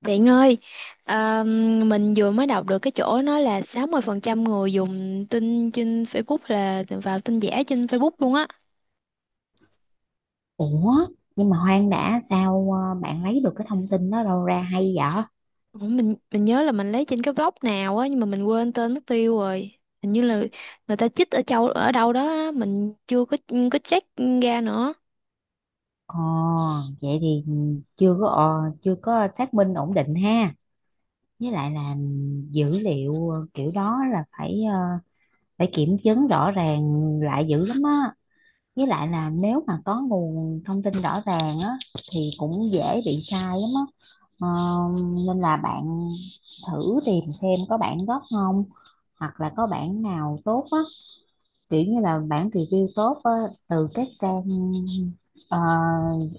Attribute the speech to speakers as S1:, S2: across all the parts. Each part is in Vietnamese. S1: Bạn ơi, à, mình vừa mới đọc được cái chỗ nói là 60% người dùng tin trên Facebook là vào tin giả trên Facebook luôn á.
S2: Ủa, nhưng mà Hoang đã sao bạn lấy được cái thông tin đó đâu ra hay vậy?
S1: Ủa, Mình nhớ là mình lấy trên cái blog nào á nhưng mà mình quên tên mất tiêu rồi. Hình như là người ta chích ở châu ở đâu đó á, mình chưa có check ra nữa.
S2: Ồ, vậy thì chưa có xác minh ổn định ha. Với lại là dữ liệu kiểu đó là phải kiểm chứng rõ ràng lại dữ lắm á. Với lại là nếu mà có nguồn thông tin rõ ràng á thì cũng dễ bị sai lắm á. Ờ, nên là bạn thử tìm xem có bản gốc không, hoặc là có bản nào tốt á, kiểu như là bản review tốt á, từ các trang ờ,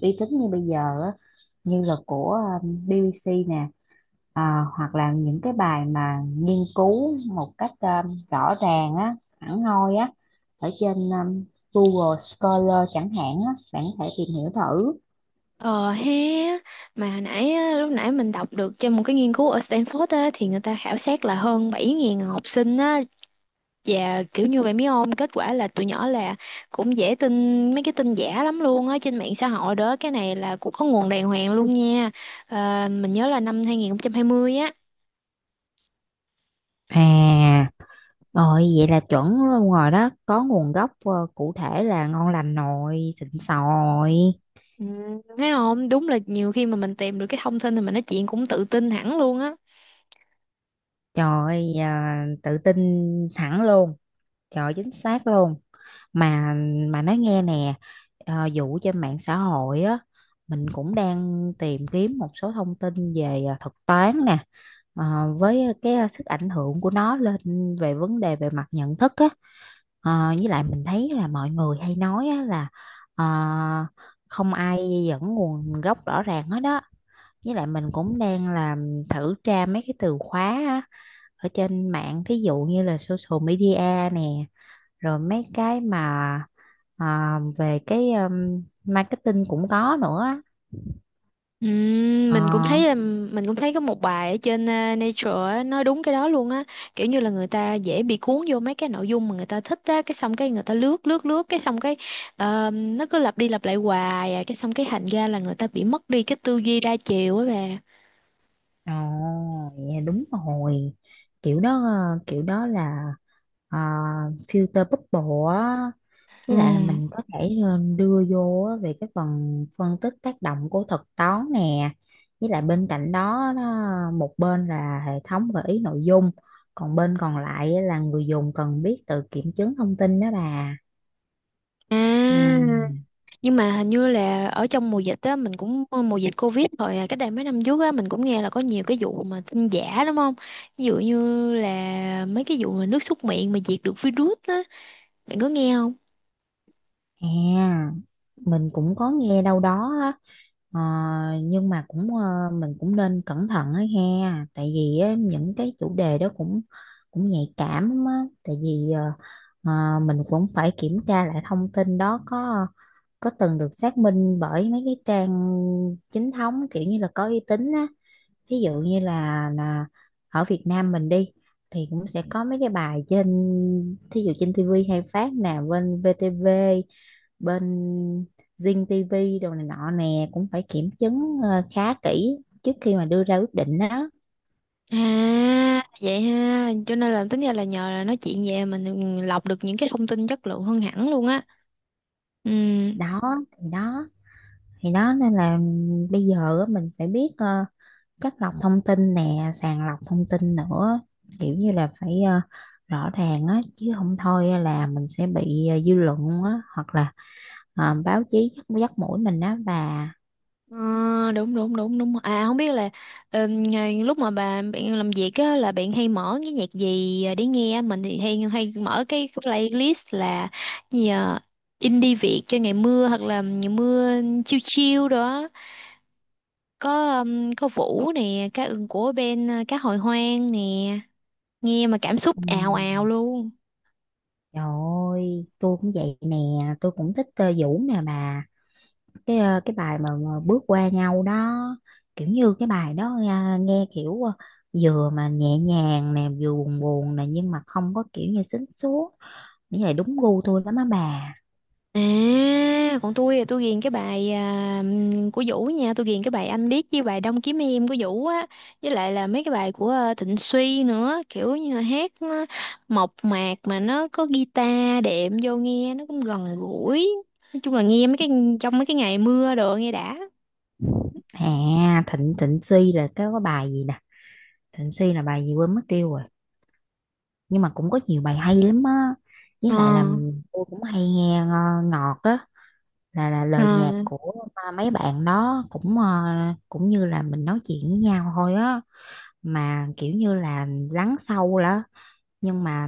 S2: uy tín như bây giờ á, như là của BBC nè, ờ, hoặc là những cái bài mà nghiên cứu một cách rõ ràng á, hẳn hoi á, ở trên Google Scholar chẳng hạn á, bạn có thể tìm hiểu thử.
S1: Ờ ha, mà lúc nãy mình đọc được trên một cái nghiên cứu ở Stanford á thì người ta khảo sát là hơn 7.000 học sinh á. Dạ kiểu như vậy biết không? Kết quả là tụi nhỏ là cũng dễ tin mấy cái tin giả lắm luôn á, trên mạng xã hội đó. Cái này là cũng có nguồn đàng hoàng luôn nha. Mình nhớ là năm 2020 á.
S2: À, rồi vậy là chuẩn luôn rồi đó, có nguồn gốc cụ thể là ngon lành nồi, xịn sò rồi.
S1: Ừ, thấy không? Đúng là nhiều khi mà mình tìm được cái thông tin thì mình nói chuyện cũng tự tin hẳn luôn á.
S2: Trời ơi, tự tin thẳng luôn. Trời, chính xác luôn, mà mà nói nghe nè, vụ trên mạng xã hội á, mình cũng đang tìm kiếm một số thông tin về thuật toán nè, ờ, với cái sức ảnh hưởng của nó lên về vấn đề về mặt nhận thức á. Ờ, với lại mình thấy là mọi người hay nói á, là ờ, không ai dẫn nguồn gốc rõ ràng hết đó, với lại mình cũng đang làm thử tra mấy cái từ khóa á, ở trên mạng thí dụ như là social media nè, rồi mấy cái mà về cái marketing cũng có nữa. Ờ
S1: Mình cũng thấy là mình cũng thấy có một bài ở trên Nature á, nói đúng cái đó luôn á, kiểu như là người ta dễ bị cuốn vô mấy cái nội dung mà người ta thích á, cái xong cái người ta lướt lướt lướt cái xong cái nó cứ lặp đi lặp lại hoài à, cái xong cái thành ra là người ta bị mất đi cái tư duy đa chiều á bà.
S2: ồ Dạ đúng rồi, kiểu đó là ờ, filter bubble á,
S1: Ừ.
S2: với lại là mình có thể đưa vô á về cái phần phân tích tác động của thuật toán nè, với lại bên cạnh đó một bên là hệ thống gợi ý nội dung, còn bên còn lại á là người dùng cần biết tự kiểm chứng thông tin đó bà. Ừ.
S1: À, nhưng mà hình như là ở trong mùa dịch á, mình cũng mùa dịch Covid rồi à, cách đây mấy năm trước á, mình cũng nghe là có nhiều cái vụ mà tin giả đúng không? Ví dụ như là mấy cái vụ mà nước súc miệng mà diệt được virus á. Bạn có nghe không?
S2: À, mình cũng có nghe đâu đó á. Ờ, nhưng mà cũng mình cũng nên cẩn thận á ha, tại vì á, những cái chủ đề đó cũng cũng nhạy cảm lắm á, tại vì mình cũng phải kiểm tra lại thông tin đó có từng được xác minh bởi mấy cái trang chính thống, kiểu như là có uy tín á, ví dụ như là ở Việt Nam mình đi thì cũng sẽ có mấy cái bài trên, thí dụ trên TV hay phát nè, bên VTV, bên Zing TV đồ này nọ nè, cũng phải kiểm chứng khá kỹ trước khi mà đưa ra quyết định đó.
S1: À, vậy ha. Cho nên là tính ra là nhờ là nói chuyện về mình lọc được những cái thông tin chất lượng hơn hẳn luôn á. Ừ.
S2: Đó thì đó thì đó nên là bây giờ á, mình phải biết chắt lọc thông tin nè, sàng lọc thông tin nữa, kiểu như là phải rõ ràng á, chứ không thôi á là mình sẽ bị dư luận á, hoặc là báo chí dắt mũi mình á bà.
S1: Ờ, đúng đúng đúng đúng. À không biết là lúc mà bà bạn làm việc á là bạn hay mở cái nhạc gì để nghe? Mình thì hay hay mở cái playlist là gì à? Indie Việt cho ngày mưa hoặc là ngày mưa chill chill đó. Có Vũ nè, cá ưng của bên cá hồi hoang nè. Nghe mà cảm xúc ào ào
S2: Ừm,
S1: luôn.
S2: trời ơi tôi cũng vậy nè, tôi cũng thích Vũ nè bà, cái cái bài mà bước qua nhau đó, kiểu như cái bài đó nghe kiểu vừa mà nhẹ nhàng nè, vừa buồn buồn nè, nhưng mà không có kiểu như xính xuống, nghĩ là đúng gu tôi lắm á bà.
S1: À còn tôi thì tôi ghiền cái bài của Vũ nha, tôi ghiền cái bài Anh Điếc với bài Đông Kiếm Em của Vũ á, với lại là mấy cái bài của Thịnh Suy nữa, kiểu như là hát nó mộc mạc mà nó có guitar đệm vô nghe nó cũng gần gũi. Nói chung là nghe mấy cái trong mấy cái ngày mưa đồ nghe đã.
S2: À, Thịnh Thịnh Suy là cái có bài gì nè, Thịnh Suy là bài gì quên mất tiêu rồi, nhưng mà cũng có nhiều bài hay lắm á, với
S1: ờ
S2: lại là tôi cũng hay nghe ngọt á, là
S1: ờ
S2: lời nhạc của mấy bạn đó cũng cũng như là mình nói chuyện với nhau thôi á, mà kiểu như là lắng sâu đó, nhưng mà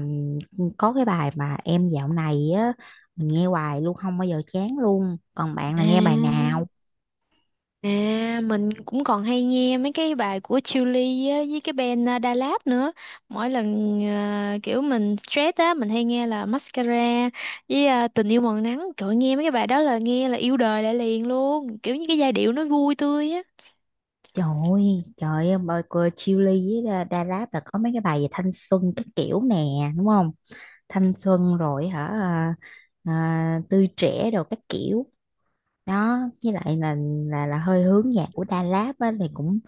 S2: có cái bài mà em dạo này á, mình nghe hoài luôn không bao giờ chán luôn, còn bạn là nghe bài
S1: à
S2: nào?
S1: À, mình cũng còn hay nghe mấy cái bài của Chillies á, với cái band Da Lab nữa. Mỗi lần kiểu mình stress á, mình hay nghe là Mascara với Tình yêu màu nắng. Trời nghe mấy cái bài đó là nghe là yêu đời lại liền luôn. Kiểu như cái giai điệu nó vui tươi á.
S2: Trời ơi, trời ơi, bài của Chillies với Da Da Rap là có mấy cái bài về thanh xuân cái kiểu nè, đúng không, thanh xuân rồi hả, tươi trẻ rồi các kiểu đó, với lại là hơi hướng nhạc của Đà Lạt á, thì cũng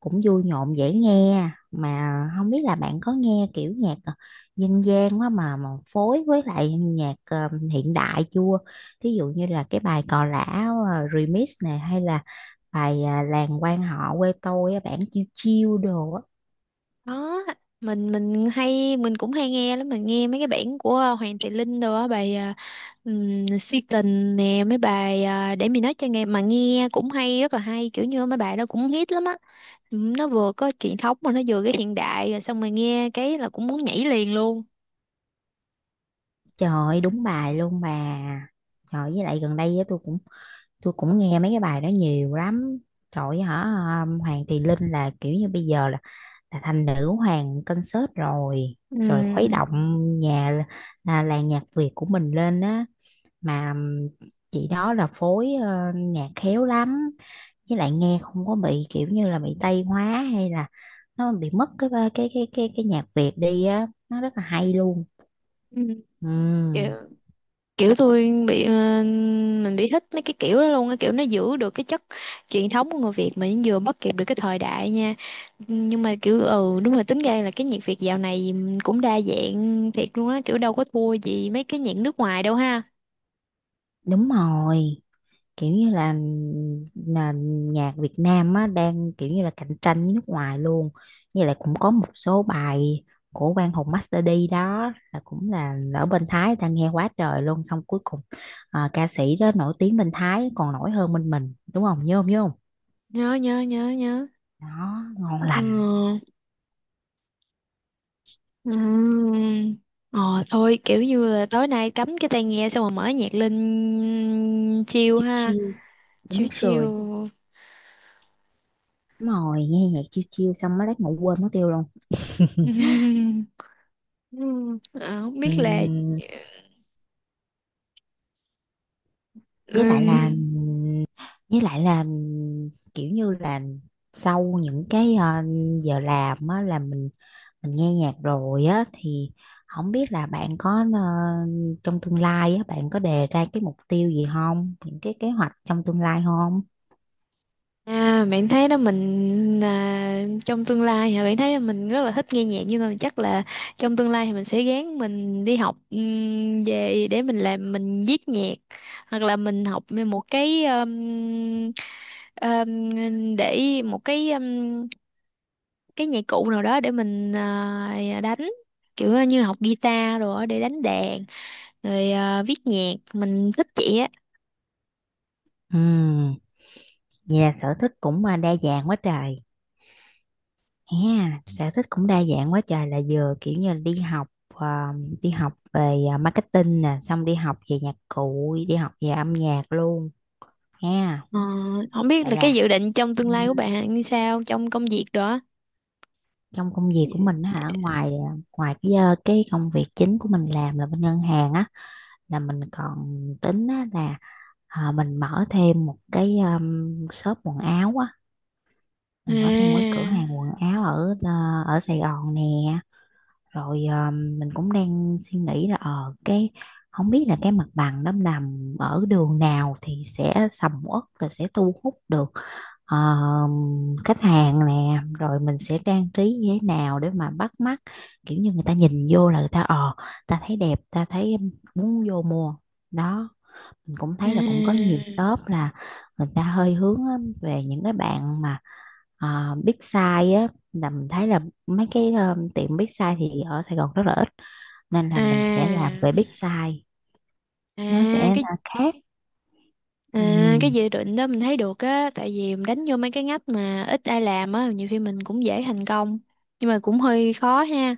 S2: cũng vui nhộn dễ nghe, mà không biết là bạn có nghe kiểu nhạc dân gian quá mà phối với lại nhạc hiện đại chưa, thí dụ như là cái bài Cò Lả remix này, hay là bài Làng quan họ quê tôi á, bản chiêu chiêu đồ á.
S1: Đó, mình cũng hay nghe lắm, mình nghe mấy cái bản của Hoàng Thị Linh đồ á, bài Si tình nè, mấy bài để mình nói cho nghe mà nghe cũng hay, rất là hay, kiểu như mấy bài đó cũng hit lắm á. Ừ, nó vừa có truyền thống mà nó vừa cái hiện đại, rồi xong rồi nghe cái là cũng muốn nhảy liền luôn.
S2: Trời ơi, đúng bài luôn bà, trời, với lại gần đây á, tôi cũng nghe mấy cái bài đó nhiều lắm. Trời ơi, hả, Hoàng Thùy Linh là kiểu như bây giờ là thành nữ hoàng concert rồi, rồi khuấy
S1: Ừ.
S2: động nhà là làng nhạc Việt của mình lên á, mà chị đó là phối nhạc khéo lắm, với lại nghe không có bị kiểu như là bị Tây hóa, hay là nó bị mất cái nhạc Việt đi á, nó rất là hay luôn.
S1: Ừ. Kiểu,
S2: Ừ,
S1: kiểu mình bị thích mấy cái kiểu đó luôn, cái kiểu nó giữ được cái chất truyền thống của người Việt mà nó vừa bắt kịp được cái thời đại nha. Nhưng mà kiểu ừ đúng rồi, tính ra là cái nhạc Việt dạo này cũng đa dạng thiệt luôn á, kiểu đâu có thua gì mấy cái nhạc nước ngoài đâu ha.
S2: đúng rồi, kiểu như là nền nhạc Việt Nam á đang kiểu như là cạnh tranh với nước ngoài luôn, với lại cũng có một số bài của Quang Hùng Master D đó là cũng là ở bên Thái người ta nghe quá trời luôn, xong cuối cùng ca sĩ đó nổi tiếng bên Thái còn nổi hơn bên mình, đúng không, nhớ không, nhớ không?
S1: Nhớ nhớ nhớ nhớ.
S2: Đó, ngon
S1: Ừ.
S2: lành.
S1: Ừm. Ờ thôi kiểu như là tối nay cắm cái tai nghe xong rồi mở nhạc lên chill
S2: Chill
S1: ha.
S2: chill, đúng
S1: Chill chill.
S2: rồi, đúng rồi, nghe nhạc chill chill xong mới lát ngủ quên mất tiêu luôn.
S1: Ừm, ờ, không biết là
S2: Ừm,
S1: ờ,
S2: với lại là với lại là kiểu như là sau những cái giờ làm á, là mình nghe nhạc rồi á, thì không biết là bạn có trong tương lai á, bạn có đề ra cái mục tiêu gì không, những cái kế hoạch trong tương lai không?
S1: À, bạn thấy đó trong tương lai hả, bạn thấy là mình rất là thích nghe nhạc, nhưng mà chắc là trong tương lai thì mình sẽ gán mình đi học về để mình làm mình viết nhạc, hoặc là mình học một cái để một cái nhạc cụ nào đó để mình đánh, kiểu như học guitar rồi để đánh đàn rồi viết nhạc mình thích vậy á.
S2: Ừ, vậy là sở thích cũng đa dạng quá trời ha, sở thích cũng đa dạng quá trời, là vừa kiểu như là đi học đi học về marketing nè, xong đi học về nhạc cụ, đi học về âm nhạc luôn ha.
S1: Ờ, không biết
S2: Vậy
S1: là cái
S2: là
S1: dự định trong
S2: ừ,
S1: tương lai của bạn như sao trong công việc đó.
S2: trong công việc của mình á hả, ngoài ngoài cái cái công việc chính của mình làm là bên ngân hàng á, là mình còn tính á, là mình mở thêm một cái shop quần áo á,
S1: à
S2: mình mở thêm một cái cửa hàng quần áo ở ở Sài Gòn nè, rồi mình cũng đang suy nghĩ là cái không biết là cái mặt bằng nó nằm ở đường nào thì sẽ sầm uất và sẽ thu hút được ờ, khách hàng nè, rồi mình sẽ trang trí như thế nào để mà bắt mắt, kiểu như người ta nhìn vô là người ta thấy đẹp, ta thấy muốn vô mua. Đó, mình cũng thấy là cũng có
S1: à
S2: nhiều shop là người ta hơi hướng á, về những cái bạn mà Ờ, Big Size á, là mình thấy là mấy cái tiệm Big Size thì ở Sài Gòn rất là ít, nên là mình sẽ
S1: à
S2: làm về Big Size, nó sẽ
S1: à cái
S2: là khác.
S1: À,
S2: Ừ,
S1: cái dự định đó mình thấy được á, tại vì mình đánh vô mấy cái ngách mà ít ai làm á, nhiều khi mình cũng dễ thành công, nhưng mà cũng hơi khó ha,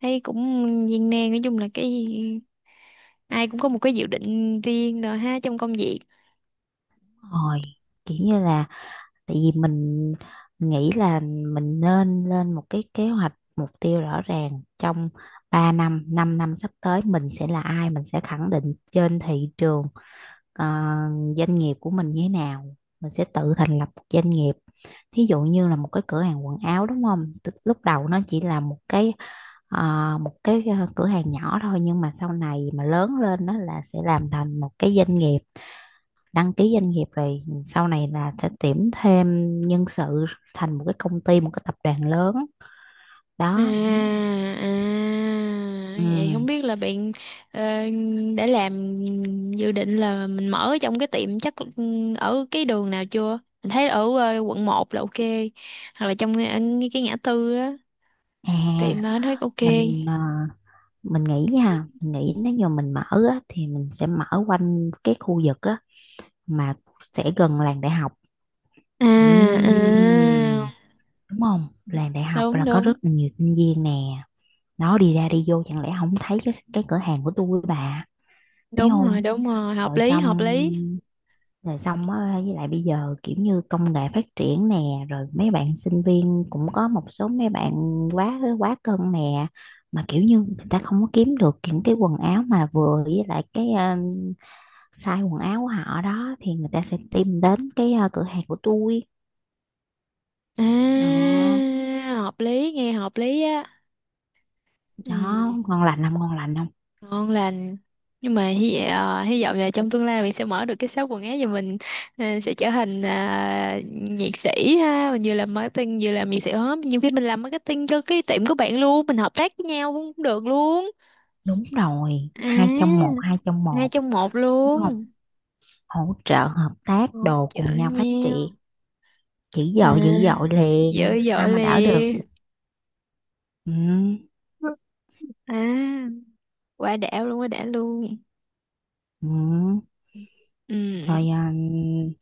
S1: thấy cũng viên nan. Nói chung là cái ai cũng có một cái dự định riêng rồi ha trong công việc.
S2: đúng rồi, kiểu như là tại vì mình nghĩ là mình nên lên một cái kế hoạch mục tiêu rõ ràng trong 3 năm 5 năm sắp tới mình sẽ là ai, mình sẽ khẳng định trên thị trường, ờ, doanh nghiệp của mình như thế nào, mình sẽ tự thành lập một doanh nghiệp, thí dụ như là một cái cửa hàng quần áo đúng không. Tức lúc đầu nó chỉ là một cái cửa hàng nhỏ thôi, nhưng mà sau này mà lớn lên nó là sẽ làm thành một cái doanh nghiệp, đăng ký doanh nghiệp, rồi sau này là sẽ tuyển thêm nhân sự, thành một cái công ty, một cái tập đoàn lớn.
S1: à
S2: Đó,
S1: à
S2: ừ,
S1: Vậy không biết là bạn ờ, đã làm dự định là mình mở trong cái tiệm chắc ừ, ở cái đường nào chưa, mình thấy ở quận một là ok, hoặc là trong cái ngã tư đó tiệm
S2: à,
S1: đó thấy ok.
S2: mình mình nghĩ nha, mình nghĩ nếu như mình mở á, thì mình sẽ mở quanh cái khu vực á mà sẽ gần làng đại học.
S1: à à
S2: Ừm, đúng không, làng đại học
S1: Đúng
S2: là có
S1: đúng
S2: rất là nhiều sinh viên nè, nó đi ra đi vô chẳng lẽ không thấy cái cửa hàng của tôi bà. Thấy
S1: đúng
S2: không,
S1: rồi, đúng rồi hợp
S2: rồi
S1: lý hợp
S2: xong
S1: lý.
S2: rồi xong á, với lại bây giờ kiểu như công nghệ phát triển nè, rồi mấy bạn sinh viên cũng có một số mấy bạn quá quá cân nè, mà kiểu như người ta không có kiếm được những cái quần áo mà vừa với lại cái size quần áo của họ đó, thì người ta sẽ tìm đến cái cửa hàng của tôi.
S1: À
S2: Đó,
S1: hợp lý nghe hợp lý á.
S2: đó,
S1: Ừ
S2: ngon lành không, ngon lành không?
S1: ngon lành. Nhưng mà hy vọng, hy vọng là trong tương lai mình sẽ mở được cái shop quần áo, và mình sẽ trở thành nhiệt sĩ ha, mình vừa làm marketing vừa làm nhiệt sĩ hết, nhiều khi mình làm marketing cho cái tiệm của bạn luôn, mình hợp tác với nhau cũng được luôn.
S2: Đúng rồi,
S1: À
S2: hai trong
S1: hai
S2: một,
S1: trong một
S2: đúng
S1: luôn.
S2: không? Hỗ trợ, hợp tác,
S1: Hỗ
S2: đồ cùng
S1: trợ
S2: nhau phát
S1: nhau.
S2: triển. Dữ dội
S1: À
S2: liền,
S1: dữ
S2: sao
S1: dội
S2: mà đỡ được?
S1: liền.
S2: Ừ,
S1: À quá đã luôn, quá đã luôn.
S2: ừ.
S1: Ừ.
S2: Rồi,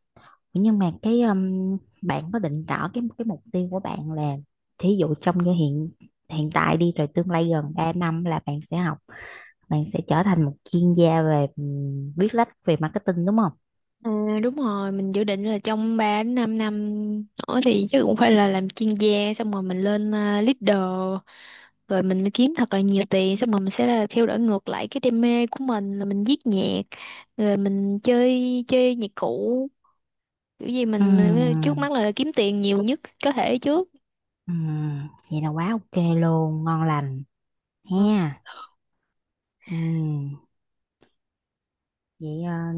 S2: nhưng mà cái bạn có định rõ cái mục tiêu của bạn là thí dụ trong như hiện hiện tại đi, rồi tương lai gần 3 năm là bạn sẽ học, bạn sẽ trở thành một chuyên gia về viết lách về marketing đúng không?
S1: Ừ, đúng rồi, mình dự định là trong 3 đến 5 năm nữa thì chắc cũng phải là làm chuyên gia xong rồi mình lên leader, rồi mình mới kiếm thật là nhiều tiền xong rồi mình sẽ là theo đuổi ngược lại cái đam mê của mình là mình viết nhạc, rồi mình chơi chơi nhạc cụ, kiểu gì
S2: Ừ.
S1: mình trước mắt là kiếm tiền nhiều nhất có thể trước.
S2: Vậy là quá ok luôn, ngon lành
S1: Ừ.
S2: ha. Ừm, vậy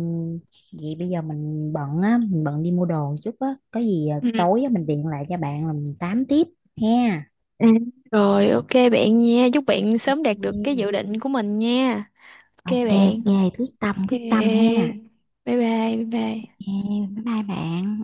S2: vậy bây giờ mình bận á, mình bận đi mua đồ chút á, có gì
S1: Ừ.
S2: tối á, mình điện lại cho bạn là mình tám tiếp ha.
S1: Ừ. Rồi ok bạn nha, chúc bạn sớm đạt
S2: Ừ.
S1: được cái dự định của mình nha. Ok
S2: Ok
S1: bạn.
S2: ok,
S1: Ok
S2: quyết tâm ha.
S1: bye bye. Bye bye.
S2: Yeah, bye bye bạn.